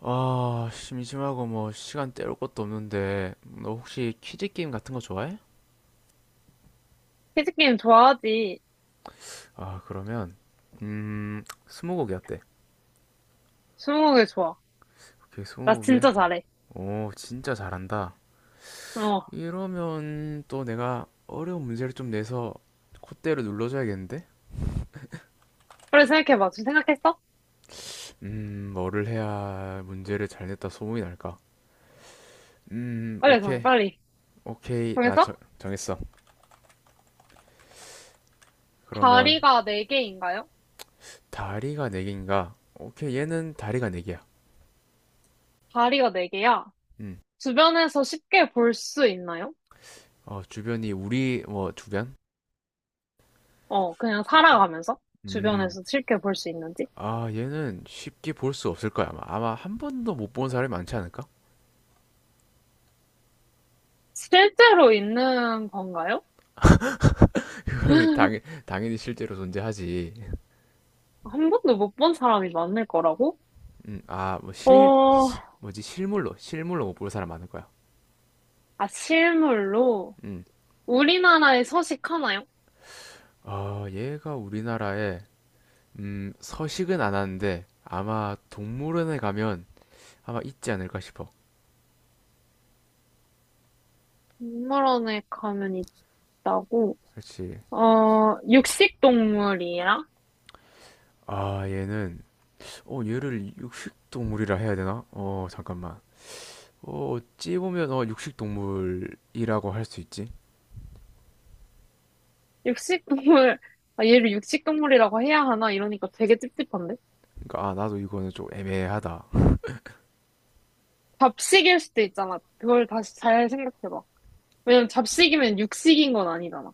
아, 심심하고 뭐 시간 때울 것도 없는데 너 혹시 퀴즈 게임 같은 거 좋아해? 퀴즈게임 좋아하지. 아, 그러면 스무고개 어때? 스무고개 좋아. 오케이, 나 스무고개. 진짜 잘해. 오, 진짜 잘한다. 어. 이러면 또 내가 어려운 문제를 좀 내서 콧대를 눌러줘야겠는데? 빨리 생각해봐. 지금 생각했어? 뭐를 해야 문제를 잘 냈다 소문이 날까? 빨리 정해, 오케이. 빨리. 오케이. 나 정, 정해서? 정했어. 그러면 다리가 네개인가요? 다리가 네 개인가? 오케이, 얘는 다리가 네 개야. 다리가 네개야. 음. 주변에서 쉽게 볼 수 있나요? 어, 주변이 우리 뭐 주변? 어, 그냥 살아가면서? 음. 주변에서 쉽게 볼 수 있는지? 아, 얘는 쉽게 볼 수 없을 거야, 아마. 아마 한 번도 못 본 사람이 많지 않을까? 실제로 있는 건가요? 그거는 당연, 당연히 실제로 존재하지. 한 번도 못 본 사람이 많을 거라고? 아, 뭐 실, 어, 뭐지, 실물로 못 볼 사람 많을 거야. 아, 실물로. 음. 우리나라에 서식하나요? 아, 얘가 우리나라에, 서식은 안 하는데, 아마 동물원에 가면 아마 있지 않을까 싶어. 동물원에 가면 있다고? 그렇지. 어, 육식동물이야? 아, 얘는, 어, 얘를 육식동물이라 해야 되나? 어, 잠깐만. 어, 어찌 보면 어, 육식동물이라고 할 수 있지. 육식동물, 아, 얘를 육식동물이라고 해야 하나? 이러니까 되게 찝찝한데? 그러니까 아, 나도 이거는 좀 애매하다. 잡식일 수도 있잖아. 그걸 다시 잘 생각해봐. 왜냐면 잡식이면 육식인 건 아니잖아.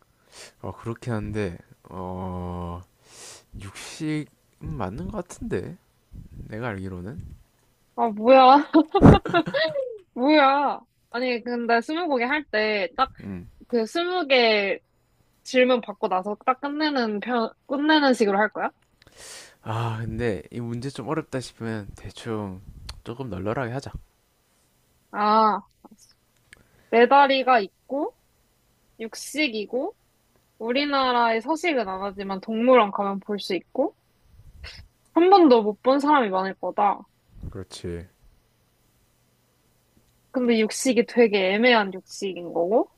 어, 그렇긴 한데 어, 육식 은 맞는 것 같은데 내가 알기로는. 아, 뭐야. 뭐야. 아니, 근데 스무고개 할 때 딱 음. 그 스무 개 질문 받고 나서 딱 끝내는 편, 끝내는 식으로 할 거야? 아, 근데 이 문제 좀 어렵다 싶으면 대충 조금 널널하게 하자. 아, 알았어. 네 다리가 있고, 육식이고, 우리나라에 서식은 안 하지만 동물원 가면 볼 수 있고, 한 번도 못 본 사람이 많을 거다. 그렇지. 근데 육식이 되게 애매한 육식인 거고,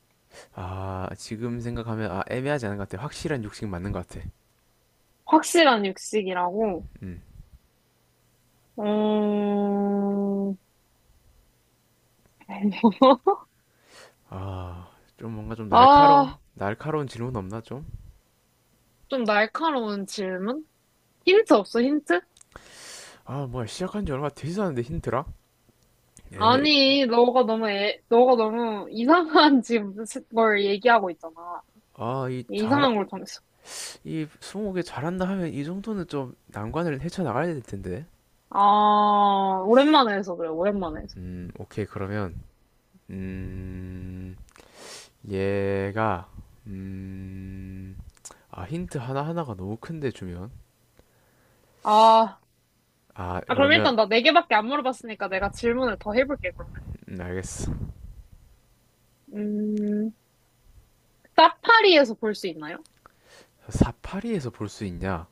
아, 지금 생각하면 아, 애매하지 않은 것 같아. 확실한 육식 맞는 것 같아. 확실한 육식이라고, 음. 음, 아, 좀 뭔가 좀 날카로운 아, 날카로운 질문 없나 좀? 좀 날카로운 질문? 힌트 없어, 힌트? 아, 뭐야 시작한 지 얼마 되지도 않은데 힌트라? 에이, 아니, 너가 너무, 애, 너가 너무 이상한 지금 걸 얘기하고 있잖아. 아, 이 잘, 이상한 걸 정했어. 이 스무고개 잘한다 하면 이 정도는 좀 난관을 헤쳐나가야 될 텐데. 아, 오랜만에 해서 그래, 오랜만에 해서. 오케이, 그러면, 음, 얘가, 음, 아, 힌트 하나하나가 너무 큰데 주면. 아, 아, 그럼 그러면, 일단 나 네 개밖에 안 물어봤으니까 내가 질문을 더 해볼게, 그러면. 알겠어. 음, 사파리에서 볼 수 있나요? 사파리에서 볼 수 있냐?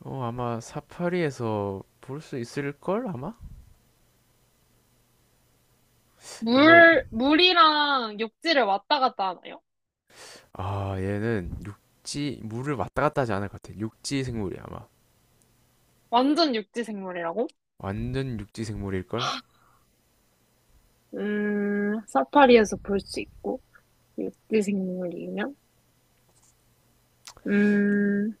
어, 아마 사파리에서 볼 수 있을걸, 아마? 이거, 물이랑 육지를 왔다 갔다 하나요? 아, 얘는 육지, 물을 왔다 갔다 하지 않을 것 같아. 육지 생물이야, 아마. 완전 육지 생물이라고? 완전 육지 생물일걸? 사파리에서 볼 수 있고, 육지 생물이면? 음,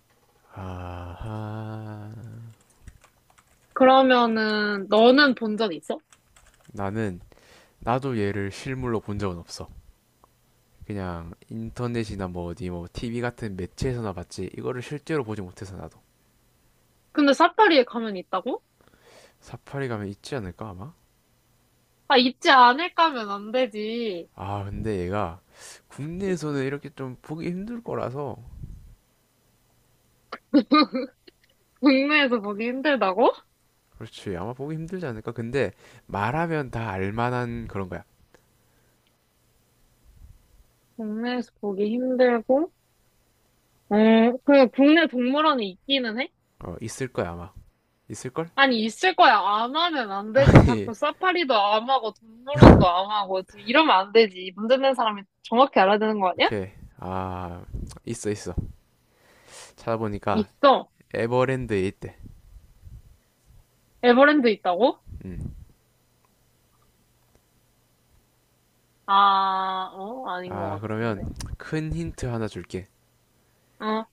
아하. 그러면은, 너는 본 적 있어? 나는 나도 얘를 실물로 본 적은 없어. 그냥 인터넷이나 뭐 어디 뭐 TV 같은 매체에서나 봤지. 이거를 실제로 보지 못해서 나도. 근데 사파리에 가면 있다고? 사파리 가면 있지 않을까 아마? 아, 있지 않을까면 안 되지. 아, 근데 얘가 국내에서는 이렇게 좀 보기 힘들 거라서 국내에서 보기 힘들다고? 그렇지. 아마 보기 힘들지 않을까? 근데 말하면 다 알만한 그런 거야. 국내에서 보기 힘들고, 어, 그 국내 동물원에 있기는 해? 어, 있을 거야 아마. 있을걸? 아니, 있을 거야. 안 하면 안 되지. 아니, 자꾸 사파리도 안 하고, 동물원도 안 하고, 지금 이러면 안 되지. 문제 낸 사람이 정확히 알아야 되는 거 아니야? 오케이. 아, 있어 있어. 찾아보니까 있어. 에버랜드에 있대. 에버랜드 있다고? 음. 아, 어? 아닌 아, 것 그러면 같은데. 큰 힌트 하나 줄게. 어.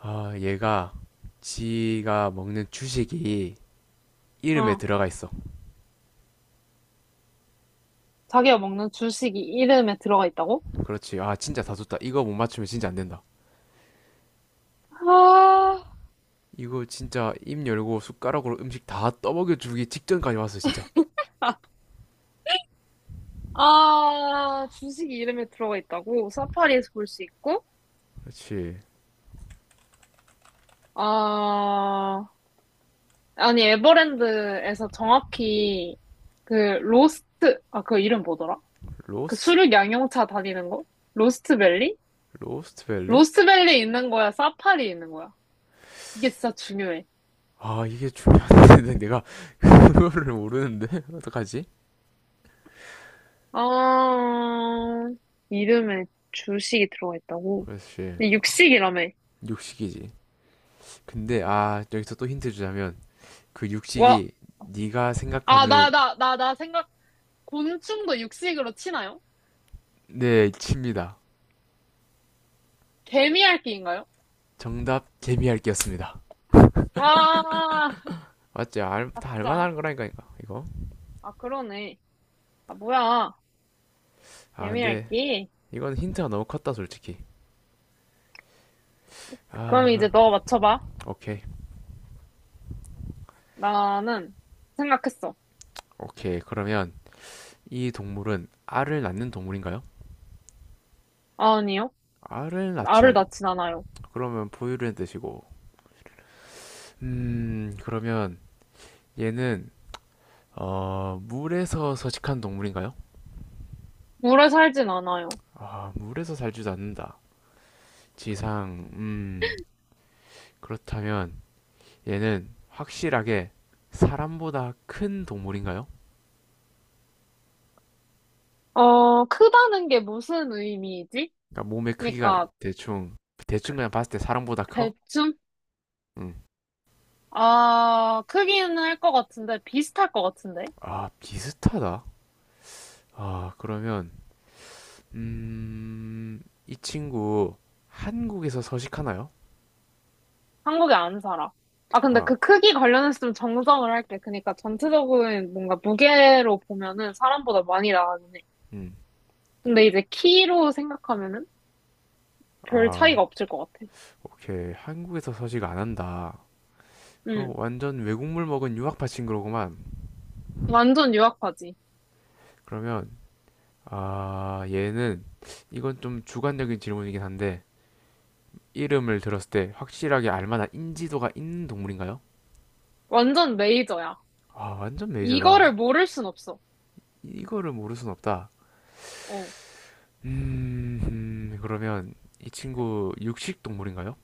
아, 얘가 지가 먹는 주식이 이름에 어, 들어가 있어. 자기가 먹는 주식이 이름에 들어가 있다고? 그렇지. 아, 진짜 다 줬다. 이거 못 맞추면 진짜 안 된다. 아, 이거 진짜 입 열고 숟가락으로 음식 다 떠먹여 주기 직전까지 왔어, 진짜. 아, 주식이 이름에 들어가 있다고? 사파리에서 볼 수 있고? 그렇지. 아, 아니, 에버랜드에서 정확히 그 로스트, 아, 그 이름 뭐더라? 그 로스트? 수륙 양용차 다니는 거? 로스트밸리? 로스트 밸리? 로스트밸리 있는 거야? 사파리 있는 거야? 이게 진짜 중요해. 아, 이게 중요한데 내가 그거를 모르는데? 어떡하지? 아, 이름에 주식이 들어가 있다고? 그렇지. 근데 육식이라며. 육식이지. 근데 아, 여기서 또 힌트 주자면 그 와, 육식이 네가 아, 생각하는 나, 나, 나, 나 생각, 곤충도 육식으로 치나요? 네, 칩니다. 개미핥기인가요? 정답 개미핥기였습니다. 와, 맞지? 알, 다 아싸. 알만한 거라니까 이거. 이거. 아, 그러네. 아, 뭐야. 아 근데 개미핥기. 이건 힌트가 너무 컸다 솔직히. 그럼 아 이제 그럼 너 맞춰봐. 오케이 나는 생각했어. 오케이 그러면 이 동물은 알을 낳는 동물인가요? 아, 아니요. 알을 낳진 알을 않. 낳진 않아요. 그러면 포유류의 뜻이고. 그러면 얘는 어 물에서 서식한 동물인가요? 물에 살진 않아요. 아 물에서 살지도 않는다. 지상 그렇다면 얘는 확실하게 사람보다 큰 동물인가요? 어, 크다는 게 무슨 의미이지? 그러니까 몸의 크기가 그러니까 대충 대충 그냥 봤을 때 사람보다 커? 대충? 응. 아, 크기는 할 것 같은데 비슷할 것 같은데? 아 비슷하다. 아 그러면 음, 이 친구 한국에서 서식하나요? 한국에 안 살아. 아, 근데 아, 그 크기 관련해서 좀 정정을 할게. 그러니까 전체적인 뭔가 무게로 보면은 사람보다 많이 나가긴 해. 음, 근데 이제 키로 생각하면은 별 아, 차이가 없을 것 같아. 오케이. 한국에서 서식 안 한다. 응. 그럼 완전 외국물 먹은 유학파 친구로구만. 완전 유학파지. 그러면 아 얘는 이건 좀 주관적인 질문이긴 한데 이름을 들었을 때 확실하게 알 만한 인지도가 있는 동물인가요? 완전 메이저야. 아 완전 이거를 메이저다. 모를 순 없어. 이거를 모를 순 없다. 어. 그러면 이 친구 육식 동물인가요?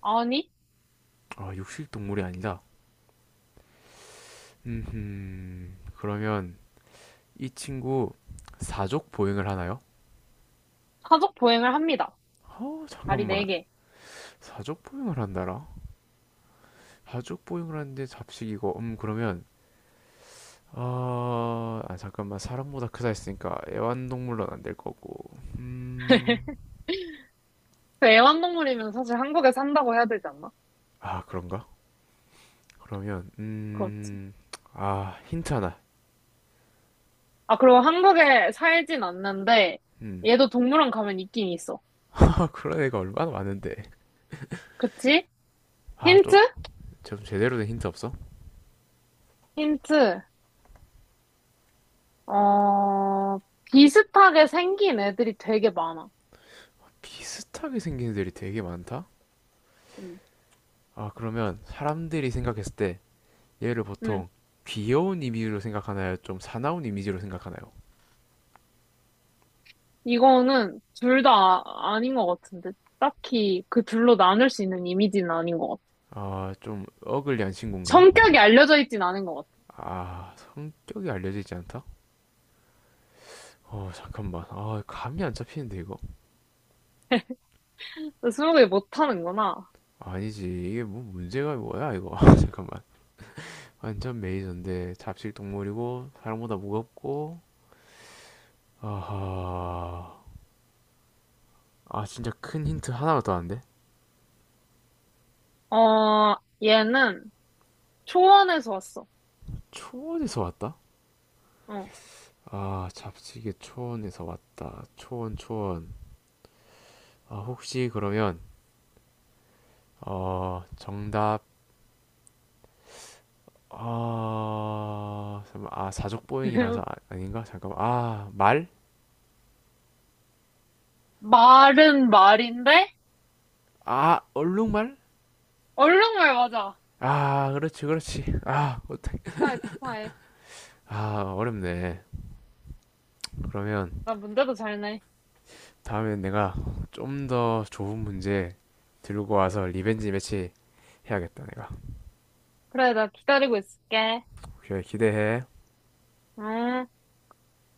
아니, 아, 육식 동물이 아니다. 그러면 이 친구 사족 보행을 하나요? 사족 보행을 합니다. 어, 다리 잠깐만. 네개. 사족 보행을 한다라? 사족 보행을 하는데 잡식이고, 그러면, 아, 아, 잠깐만. 사람보다 크다 했으니까 애완동물로는 안 될 거고. 근데 애완동물이면 사실 한국에 산다고 해야 되지 않나? 아, 그런가? 그러면, 그렇지. 아, 힌트 하나. 아, 그리고 한국에 살진 않는데, 음, 얘도 동물원 가면 있긴 있어. 아, 그런 애가 얼마나 많은데. 그치? 아, 좀, 힌트? 좀 제대로 된 힌트 없어? 힌트. 어, 비슷하게 생긴 애들이 되게 많아. 비슷하게 생긴 애들이 되게 많다? 응. 아, 그러면 사람들이 생각했을 때 얘를 응. 보통 귀여운 이미지로 생각하나요? 좀 사나운 이미지로 생각하나요? 이거는 둘 다 아닌 것 같은데. 딱히 그 둘로 나눌 수 있는 이미지는 아닌 것 같아. 아, 좀 어글리한 친구인가? 성격이 알려져 있진 않은 것 아, 성격이 알려져 있지 않다? 어, 잠깐만. 아, 감이 안 잡히는데, 이거. 같아. 스무 개 못하는구나. 아니지. 이게 뭐 문제가 뭐야, 이거. 아, 잠깐만. 완전 메이저인데 잡식 동물이고 사람보다 무겁고 아하 아 진짜 큰 힌트 하나가 더 왔는데 어, 얘는 초원에서 왔어. 초원에서 왔다? 어. 아, 잡지게 초원에서 왔다. 초원, 초원. 아, 혹시 그러면, 어, 정답, 아, 잠깐만. 아, 사족보행이라서 아, 닌가 잠깐만. 아, 말? 말은 말인데? 아, 얼룩말? 얼른말 맞아. 아, 그렇지, 그렇지. 아, 어떡해. 축하해, 축하해. 아, 어렵네. 그러면 나 문제도 잘 내. 다음에 내가 좀 더 좋은 문제 들고 와서 리벤지 매치 해야겠다, 내가. 그래, 나 기다리고 있을게. 오케이, 기대해. 응.